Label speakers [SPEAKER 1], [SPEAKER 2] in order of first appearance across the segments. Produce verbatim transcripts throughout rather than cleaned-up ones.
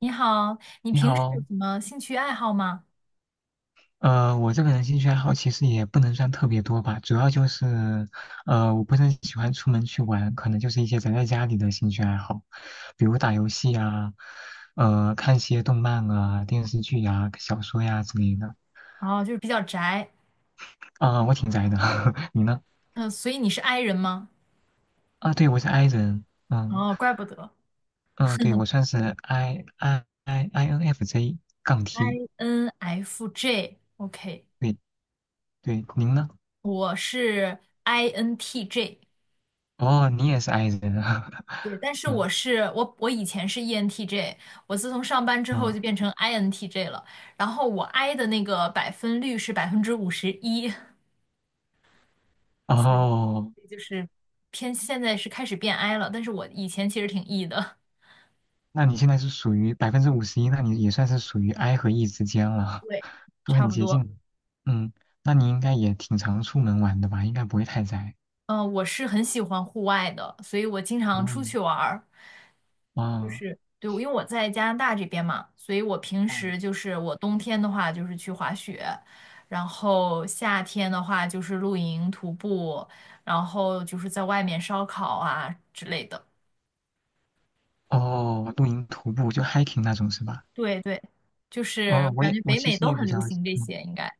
[SPEAKER 1] 你好，你
[SPEAKER 2] 你
[SPEAKER 1] 平时有
[SPEAKER 2] 好，
[SPEAKER 1] 什么兴趣爱好吗？
[SPEAKER 2] 呃，我这个人兴趣爱好其实也不能算特别多吧，主要就是，呃，我不是很喜欢出门去玩，可能就是一些宅在家里的兴趣爱好，比如打游戏啊，呃，看些动漫啊、电视剧呀、小说呀、之类的。
[SPEAKER 1] 哦，就是比较宅。
[SPEAKER 2] 啊、我挺宅的，你呢？
[SPEAKER 1] 嗯、所以你是 i 人吗？
[SPEAKER 2] 啊，对，我是 I 人。嗯
[SPEAKER 1] 哦，怪不得
[SPEAKER 2] 嗯、呃对，我算是 I I I INFJ 杠 T，
[SPEAKER 1] ，I N F J，OK，
[SPEAKER 2] 对对，您呢？
[SPEAKER 1] 我是 INTJ。
[SPEAKER 2] 哦，你也是 I 人啊，
[SPEAKER 1] 对，但 是我
[SPEAKER 2] 嗯
[SPEAKER 1] 是我我以前是 E N T J。我自从上班之后
[SPEAKER 2] 嗯，
[SPEAKER 1] 就变成 I N T J 了，然后我 I 的那个百分率是百分之五十一。所以
[SPEAKER 2] 哦。
[SPEAKER 1] 所以就是偏现在是开始变 I 了，但是我以前其实挺 E 的。
[SPEAKER 2] 那你现在是属于百分之五十一，那你也算是属于 I 和 E 之间了，
[SPEAKER 1] 对，
[SPEAKER 2] 都
[SPEAKER 1] 差
[SPEAKER 2] 很
[SPEAKER 1] 不
[SPEAKER 2] 接
[SPEAKER 1] 多。
[SPEAKER 2] 近。嗯，那你应该也挺常出门玩的吧？应该不会太宅。
[SPEAKER 1] 嗯、呃我是很喜欢户外的，所以我经常
[SPEAKER 2] 哦，
[SPEAKER 1] 出去玩儿。就
[SPEAKER 2] 哦
[SPEAKER 1] 是对，因为我在加拿大这边嘛，所以我平
[SPEAKER 2] 嗯，
[SPEAKER 1] 时就是我冬天的话就是去滑雪，然后夏天的话就是露营、徒步，然后就是在外面烧烤啊之类的。
[SPEAKER 2] 哦，露营、徒步就 hiking 那种是吧？
[SPEAKER 1] 对对，就是
[SPEAKER 2] 哦，我
[SPEAKER 1] 感
[SPEAKER 2] 也
[SPEAKER 1] 觉
[SPEAKER 2] 我
[SPEAKER 1] 北
[SPEAKER 2] 其
[SPEAKER 1] 美
[SPEAKER 2] 实
[SPEAKER 1] 都
[SPEAKER 2] 也
[SPEAKER 1] 很
[SPEAKER 2] 比
[SPEAKER 1] 流
[SPEAKER 2] 较，
[SPEAKER 1] 行这
[SPEAKER 2] 嗯，
[SPEAKER 1] 些，应该。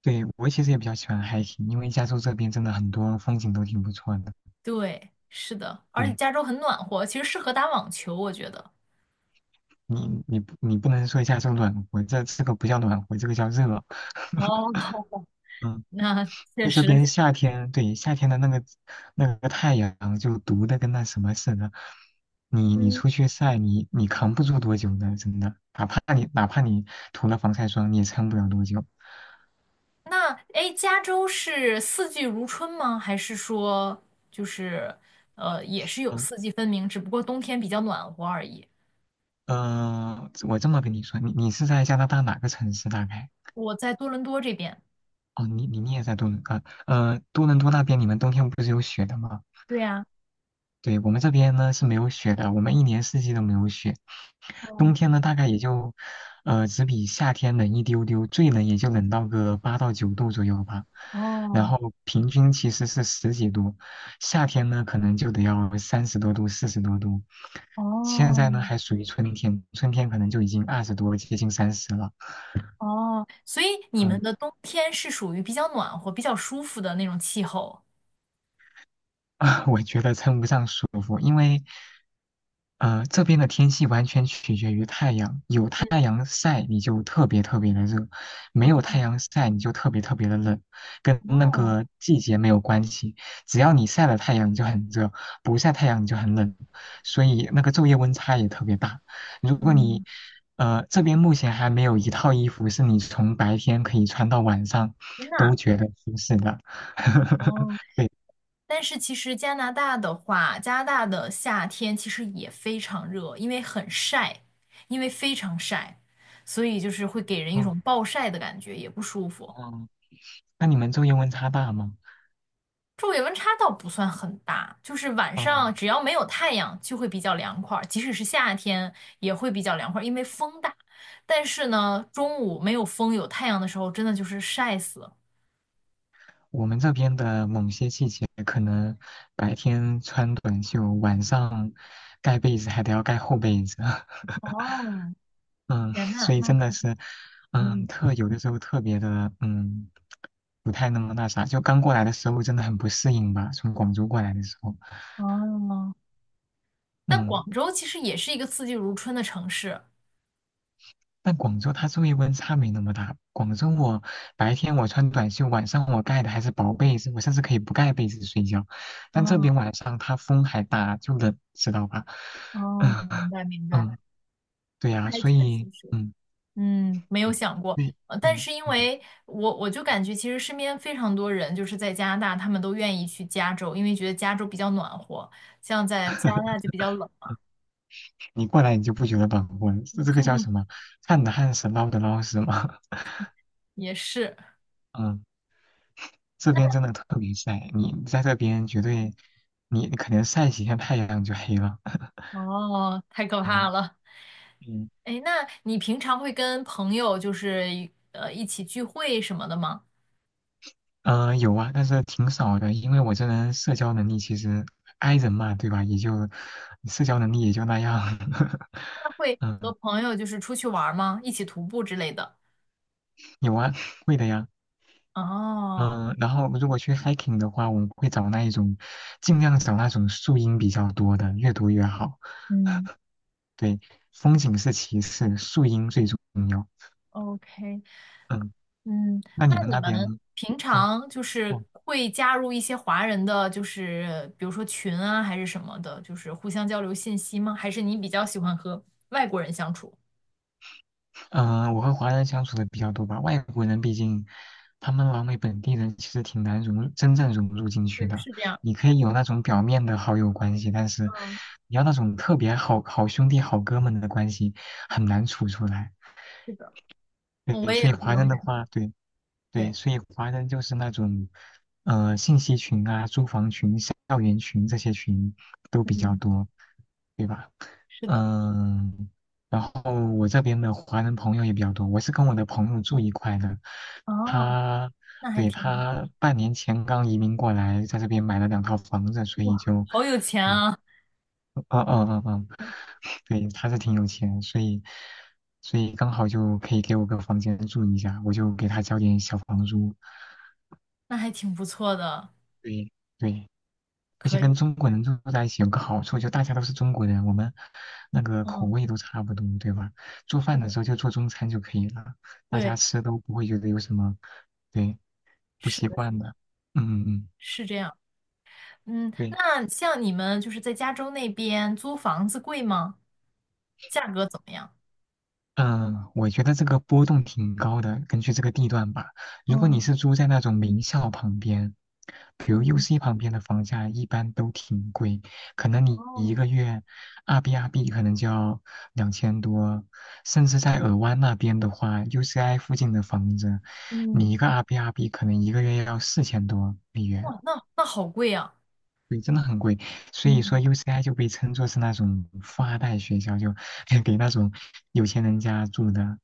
[SPEAKER 2] 对，我其实也比较喜欢 hiking，因为加州这边真的很多风景都挺不错的。
[SPEAKER 1] 对，是的，而且
[SPEAKER 2] 对
[SPEAKER 1] 加州很暖和，其实适合打网球，我觉得。
[SPEAKER 2] 你，你不你不能说加州暖和，这这个不叫暖和，这个叫热。
[SPEAKER 1] 哦，
[SPEAKER 2] 嗯
[SPEAKER 1] 那确
[SPEAKER 2] 就这边
[SPEAKER 1] 实。
[SPEAKER 2] 夏天，对，夏天的那个那个太阳就毒的跟那什么似的，你你
[SPEAKER 1] 嗯。
[SPEAKER 2] 出去晒，你你扛不住多久的，真的，哪怕你哪怕你涂了防晒霜，你也撑不了多久。
[SPEAKER 1] 那哎，诶加州是四季如春吗？还是说就是呃，也是有
[SPEAKER 2] 嗯
[SPEAKER 1] 四季分明，只不过冬天比较暖和而已？
[SPEAKER 2] 呃，我这么跟你说，你你是在加拿大哪个城市大概？
[SPEAKER 1] 我在多伦多这边。
[SPEAKER 2] 哦，你你你也在多伦啊？呃，多伦多那边你们冬天不是有雪的吗？
[SPEAKER 1] 对呀。
[SPEAKER 2] 对，我们这边呢是没有雪的，我们一年四季都没有雪。
[SPEAKER 1] 哦
[SPEAKER 2] 冬天呢，大概也就，呃，只比夏天冷一丢丢，最冷也就冷到个八到九度左右吧。然
[SPEAKER 1] 哦
[SPEAKER 2] 后平均其实是十几度，夏天呢可能就得要三十多度、四十多度。现
[SPEAKER 1] 哦
[SPEAKER 2] 在呢还属于春天，春天可能就已经二十多，接近三十了。
[SPEAKER 1] 哦，所以你们
[SPEAKER 2] 嗯
[SPEAKER 1] 的冬天是属于比较暖和、比较舒服的那种气候。
[SPEAKER 2] 啊，我觉得称不上舒服，因为呃这边的天气完全取决于太阳，有太
[SPEAKER 1] 嗯，
[SPEAKER 2] 阳晒你就特别特别的热，没有太
[SPEAKER 1] 哦，
[SPEAKER 2] 阳晒你就特别特别的冷，跟那
[SPEAKER 1] 哦，
[SPEAKER 2] 个季节没有关系。只要你晒了太阳你就很热，不晒太阳你就很冷，所以那个昼夜温差也特别大。如果你
[SPEAKER 1] 嗯，
[SPEAKER 2] 呃这边目前还没有一套衣服是你从白天可以穿到晚上
[SPEAKER 1] 真的
[SPEAKER 2] 都
[SPEAKER 1] 啊？
[SPEAKER 2] 觉得舒适的。
[SPEAKER 1] 哦，但是其实加拿大的话，加拿大的夏天其实也非常热，因为很晒，因为非常晒，所以就是会给人一
[SPEAKER 2] 嗯
[SPEAKER 1] 种暴晒的感觉，也不舒服。
[SPEAKER 2] 嗯，那你们昼夜温差大吗？
[SPEAKER 1] 昼夜温差倒不算很大，就是晚
[SPEAKER 2] 啊、
[SPEAKER 1] 上只要没有太阳就会比较凉快儿，即使是夏天也会比较凉快儿，因为风大。但是呢，中午没有风有太阳的时候，真的就是晒死了。
[SPEAKER 2] 我们这边的某些季节，可能白天穿短袖，晚上盖被子还得要盖厚被子。
[SPEAKER 1] 哦，
[SPEAKER 2] 嗯，
[SPEAKER 1] 天呐，
[SPEAKER 2] 所以
[SPEAKER 1] 那
[SPEAKER 2] 真的
[SPEAKER 1] 可，
[SPEAKER 2] 是，嗯，
[SPEAKER 1] 嗯，
[SPEAKER 2] 特有的时候特别的，嗯，不太那么那啥。就刚过来的时候，真的很不适应吧，从广州过来的时候，
[SPEAKER 1] 哦，但广
[SPEAKER 2] 嗯。
[SPEAKER 1] 州其实也是一个四季如春的城市。
[SPEAKER 2] 但广州它昼夜温差没那么大。广州我白天我穿短袖，晚上我盖的还是薄被子，我甚至可以不盖被子睡觉。但这边
[SPEAKER 1] 哦
[SPEAKER 2] 晚上它风还大，就冷，知道吧？
[SPEAKER 1] 哦，
[SPEAKER 2] 嗯
[SPEAKER 1] 明白明白。
[SPEAKER 2] 嗯，对呀、
[SPEAKER 1] 还
[SPEAKER 2] 所
[SPEAKER 1] 确实
[SPEAKER 2] 以
[SPEAKER 1] 是，
[SPEAKER 2] 嗯
[SPEAKER 1] 嗯，没有
[SPEAKER 2] 对
[SPEAKER 1] 想过。
[SPEAKER 2] 对，
[SPEAKER 1] 呃，但
[SPEAKER 2] 嗯
[SPEAKER 1] 是因
[SPEAKER 2] 嗯，
[SPEAKER 1] 为我我就感觉其实身边非常多人就是在加拿大，他们都愿意去加州，因为觉得加州比较暖和，像在加拿大就比较冷，
[SPEAKER 2] 你过来你就不觉得暖和了，这这个叫什 么？旱的旱死，涝的涝死吗？
[SPEAKER 1] 也是，
[SPEAKER 2] 嗯，这边真的特别晒，你在这边绝对，你你可能晒几天太阳就黑了。
[SPEAKER 1] 哦，太可怕
[SPEAKER 2] 嗯
[SPEAKER 1] 了。
[SPEAKER 2] 嗯。
[SPEAKER 1] 哎，那你平常会跟朋友就是呃一起聚会什么的吗？
[SPEAKER 2] 嗯，有啊，但是挺少的，因为我这人社交能力其实 i 人嘛，对吧？也就社交能力也就那样。
[SPEAKER 1] 那会和
[SPEAKER 2] 嗯，
[SPEAKER 1] 朋友就是出去玩儿吗？一起徒步之类的？
[SPEAKER 2] 有啊，会的呀。
[SPEAKER 1] 哦，
[SPEAKER 2] 嗯，然后如果去 hiking 的话，我们会找那一种，尽量找那种树荫比较多的，越多越好。
[SPEAKER 1] 嗯
[SPEAKER 2] 对，风景是其次，树荫最重要。
[SPEAKER 1] ，OK，
[SPEAKER 2] 嗯，
[SPEAKER 1] 嗯，
[SPEAKER 2] 那
[SPEAKER 1] 那
[SPEAKER 2] 你们
[SPEAKER 1] 你
[SPEAKER 2] 那边
[SPEAKER 1] 们
[SPEAKER 2] 呢？
[SPEAKER 1] 平
[SPEAKER 2] 嗯。
[SPEAKER 1] 常就
[SPEAKER 2] 哦，
[SPEAKER 1] 是会加入一些华人的，就是比如说群啊，还是什么的，就是互相交流信息吗？还是你比较喜欢和外国人相处？
[SPEAKER 2] 嗯、呃我和华人相处的比较多吧，外国人毕竟他们老美本地人，其实挺难融，真正融入进
[SPEAKER 1] 对，
[SPEAKER 2] 去的。
[SPEAKER 1] 是这样。
[SPEAKER 2] 你可以有那种表面的好友关系，但是
[SPEAKER 1] 嗯，
[SPEAKER 2] 你要那种特别好好兄弟、好哥们的关系，很难处出来。
[SPEAKER 1] 是的，我
[SPEAKER 2] 对，
[SPEAKER 1] 也有
[SPEAKER 2] 所以
[SPEAKER 1] 这
[SPEAKER 2] 华
[SPEAKER 1] 种
[SPEAKER 2] 人的
[SPEAKER 1] 感觉。
[SPEAKER 2] 话，对对，
[SPEAKER 1] 对，
[SPEAKER 2] 所以华人就是那种，呃，信息群啊、租房群、校园群这些群都比较
[SPEAKER 1] 嗯，
[SPEAKER 2] 多，对吧？
[SPEAKER 1] 是的。
[SPEAKER 2] 嗯，然后我这边的华人朋友也比较多，我是跟我的朋友住一块的，
[SPEAKER 1] 哦，
[SPEAKER 2] 他，
[SPEAKER 1] 那还
[SPEAKER 2] 对，
[SPEAKER 1] 挺好。
[SPEAKER 2] 他半年前刚移民过来，在这边买了两套房子，所以
[SPEAKER 1] 哇，
[SPEAKER 2] 就。
[SPEAKER 1] 好有钱
[SPEAKER 2] 嗯。
[SPEAKER 1] 啊，
[SPEAKER 2] 啊啊啊啊！对，他是挺有钱，所以所以刚好就可以给我个房间住一下，我就给他交点小房租。
[SPEAKER 1] 那还挺不错的，
[SPEAKER 2] 对对，而且
[SPEAKER 1] 可
[SPEAKER 2] 跟
[SPEAKER 1] 以。
[SPEAKER 2] 中国人住在一起有个好处，就大家都是中国人，我们那个口
[SPEAKER 1] 嗯，
[SPEAKER 2] 味都差不多，对吧？做
[SPEAKER 1] 是
[SPEAKER 2] 饭的
[SPEAKER 1] 的，
[SPEAKER 2] 时候就做中餐就可以了，大家
[SPEAKER 1] 对，
[SPEAKER 2] 吃都不会觉得有什么对不
[SPEAKER 1] 是
[SPEAKER 2] 习
[SPEAKER 1] 的，是
[SPEAKER 2] 惯
[SPEAKER 1] 的
[SPEAKER 2] 的。嗯嗯嗯，
[SPEAKER 1] 是这样。嗯，
[SPEAKER 2] 对。
[SPEAKER 1] 那像你们就是在加州那边租房子贵吗？价格怎么样？
[SPEAKER 2] 嗯，呃我觉得这个波动挺高的，根据这个地段吧。如果你
[SPEAKER 1] 嗯
[SPEAKER 2] 是租在那种名校旁边，比如
[SPEAKER 1] 嗯
[SPEAKER 2] U C 旁边的房价一般都挺贵，可能你一个
[SPEAKER 1] 哦
[SPEAKER 2] 月二 B 二 B 可能就要两千多，甚至在尔湾那边的话，U C I 附近的房子，你
[SPEAKER 1] 嗯
[SPEAKER 2] 一个二 B 二 B 可能一个月要四千多美元。
[SPEAKER 1] 哇，那那好贵啊！
[SPEAKER 2] 对，真的很贵，所以说
[SPEAKER 1] 嗯
[SPEAKER 2] U C I 就被称作是那种富二代学校，就 给那种有钱人家住的。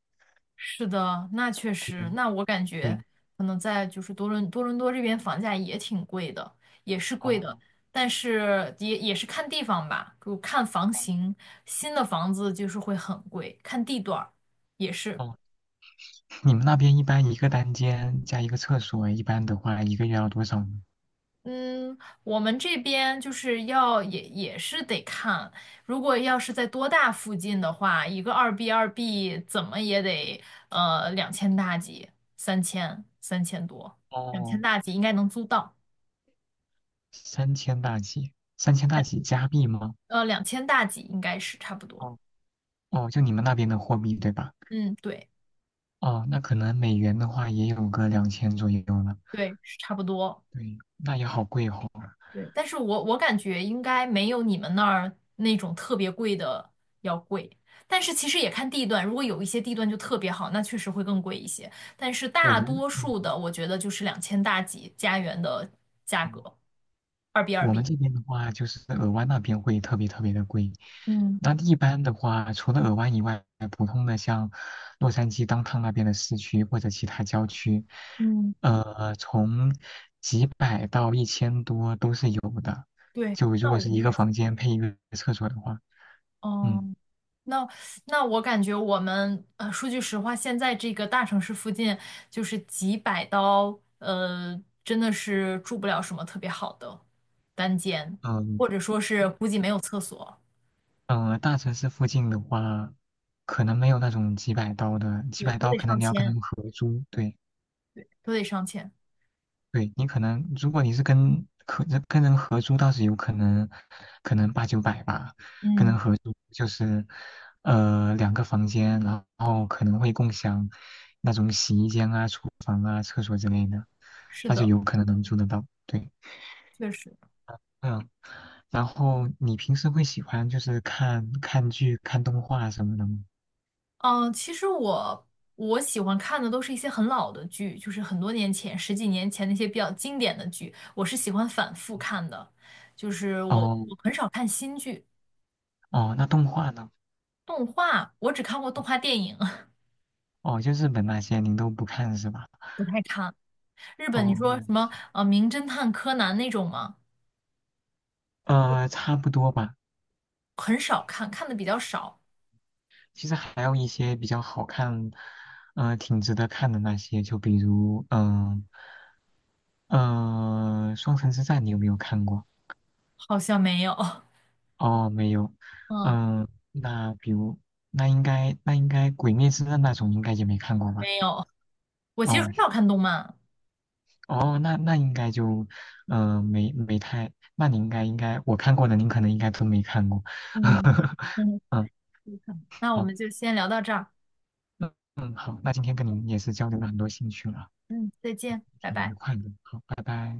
[SPEAKER 1] 是的，那确实，那我感
[SPEAKER 2] 对，
[SPEAKER 1] 觉可能在就是多伦多伦多这边房价也挺贵的，也是贵
[SPEAKER 2] 哦
[SPEAKER 1] 的，但是也也是看地方吧，就看房型，新的房子就是会很贵，看地段儿也是。
[SPEAKER 2] 哦，你们那边一般一个单间加一个厕所，一般的话一个月要多少呢？
[SPEAKER 1] 嗯，我们这边就是要也也是得看，如果要是在多大附近的话，一个二 B 二 B 怎么也得呃两千大几，三千三千多，两千
[SPEAKER 2] 哦，
[SPEAKER 1] 大几应该能租到，
[SPEAKER 2] 三千大几，三千大
[SPEAKER 1] 两
[SPEAKER 2] 几加币吗？
[SPEAKER 1] 呃两千大几应该是差不多。
[SPEAKER 2] 哦，哦，就你们那边的货币对吧？
[SPEAKER 1] 嗯，对
[SPEAKER 2] 哦，那可能美元的话也有个两千左右了。
[SPEAKER 1] 对，是差不多。
[SPEAKER 2] 对，那也好贵哦。
[SPEAKER 1] 对，但是我我感觉应该没有你们那儿那种特别贵的要贵，但是其实也看地段，如果有一些地段就特别好，那确实会更贵一些，但是
[SPEAKER 2] 我
[SPEAKER 1] 大
[SPEAKER 2] 们，
[SPEAKER 1] 多
[SPEAKER 2] 嗯。
[SPEAKER 1] 数的我觉得就是两千大几加元的价格，二 B 二
[SPEAKER 2] 我们
[SPEAKER 1] B。
[SPEAKER 2] 这边的话，就是尔湾那边会特别特别的贵。
[SPEAKER 1] 嗯
[SPEAKER 2] 那一般的话，除了尔湾以外，普通的像洛杉矶当 o 那边的市区或者其他郊区，
[SPEAKER 1] 嗯，
[SPEAKER 2] 呃，从几百到一千多都是有的。
[SPEAKER 1] 对，
[SPEAKER 2] 就如
[SPEAKER 1] 那
[SPEAKER 2] 果
[SPEAKER 1] 我
[SPEAKER 2] 是
[SPEAKER 1] 们
[SPEAKER 2] 一个
[SPEAKER 1] 也是。
[SPEAKER 2] 房间配一个厕所的话，嗯
[SPEAKER 1] 嗯。那那我感觉我们呃，说句实话，现在这个大城市附近就是几百刀，呃，真的是住不了什么特别好的单间，
[SPEAKER 2] 嗯
[SPEAKER 1] 或者说是估计没有厕所，
[SPEAKER 2] 嗯，呃大城市附近的话，可能没有那种几百刀的，几
[SPEAKER 1] 对，
[SPEAKER 2] 百
[SPEAKER 1] 都
[SPEAKER 2] 刀
[SPEAKER 1] 得
[SPEAKER 2] 可能
[SPEAKER 1] 上
[SPEAKER 2] 你要跟
[SPEAKER 1] 千，
[SPEAKER 2] 人合租，对。
[SPEAKER 1] 对，都得上千。
[SPEAKER 2] 对你可能，如果你是跟合跟人合租，倒是有可能，可能八九百吧。跟人
[SPEAKER 1] 嗯，
[SPEAKER 2] 合租就是，呃，两个房间，然后可能会共享那种洗衣间啊、厨房啊、厕所之类的，
[SPEAKER 1] 是
[SPEAKER 2] 那就
[SPEAKER 1] 的，
[SPEAKER 2] 有可能能租得到。对，
[SPEAKER 1] 确实。
[SPEAKER 2] 嗯，然后你平时会喜欢就是看看剧、看动画什么的吗？
[SPEAKER 1] 嗯，其实我我喜欢看的都是一些很老的剧，就是很多年前、十几年前那些比较经典的剧，我是喜欢反复看的，就是我
[SPEAKER 2] 哦
[SPEAKER 1] 我很少看新剧。
[SPEAKER 2] 哦，那动画呢？
[SPEAKER 1] 动画我只看过动画电影，
[SPEAKER 2] 哦，就日本那些您都不看是吧？
[SPEAKER 1] 不太看。日本你
[SPEAKER 2] 哦，
[SPEAKER 1] 说
[SPEAKER 2] 那
[SPEAKER 1] 什么呃《名侦探柯南》那种吗？
[SPEAKER 2] 呃，差不多吧。
[SPEAKER 1] 很少看，看的比较少，
[SPEAKER 2] 其实还有一些比较好看，呃，挺值得看的那些，就比如，嗯、嗯，《双城之战》，你有没有看过？
[SPEAKER 1] 好像没有。
[SPEAKER 2] 哦，没有。
[SPEAKER 1] 嗯，
[SPEAKER 2] 嗯、那比如，那应该，那应该《鬼灭之刃》那种应该也没看过吧？
[SPEAKER 1] 没有。我其实
[SPEAKER 2] 哦，
[SPEAKER 1] 很少看动漫。
[SPEAKER 2] 哦，那那应该就，嗯，没没太，那你应该应该，我看过的您可能应该都没看过。
[SPEAKER 1] 嗯 嗯，
[SPEAKER 2] 嗯，
[SPEAKER 1] 是的那我
[SPEAKER 2] 好，
[SPEAKER 1] 们就先聊到这儿。
[SPEAKER 2] 嗯，好，那今天跟您也是交流了很多兴趣了，
[SPEAKER 1] 嗯，再见，拜
[SPEAKER 2] 挺愉
[SPEAKER 1] 拜。
[SPEAKER 2] 快的。好，拜拜。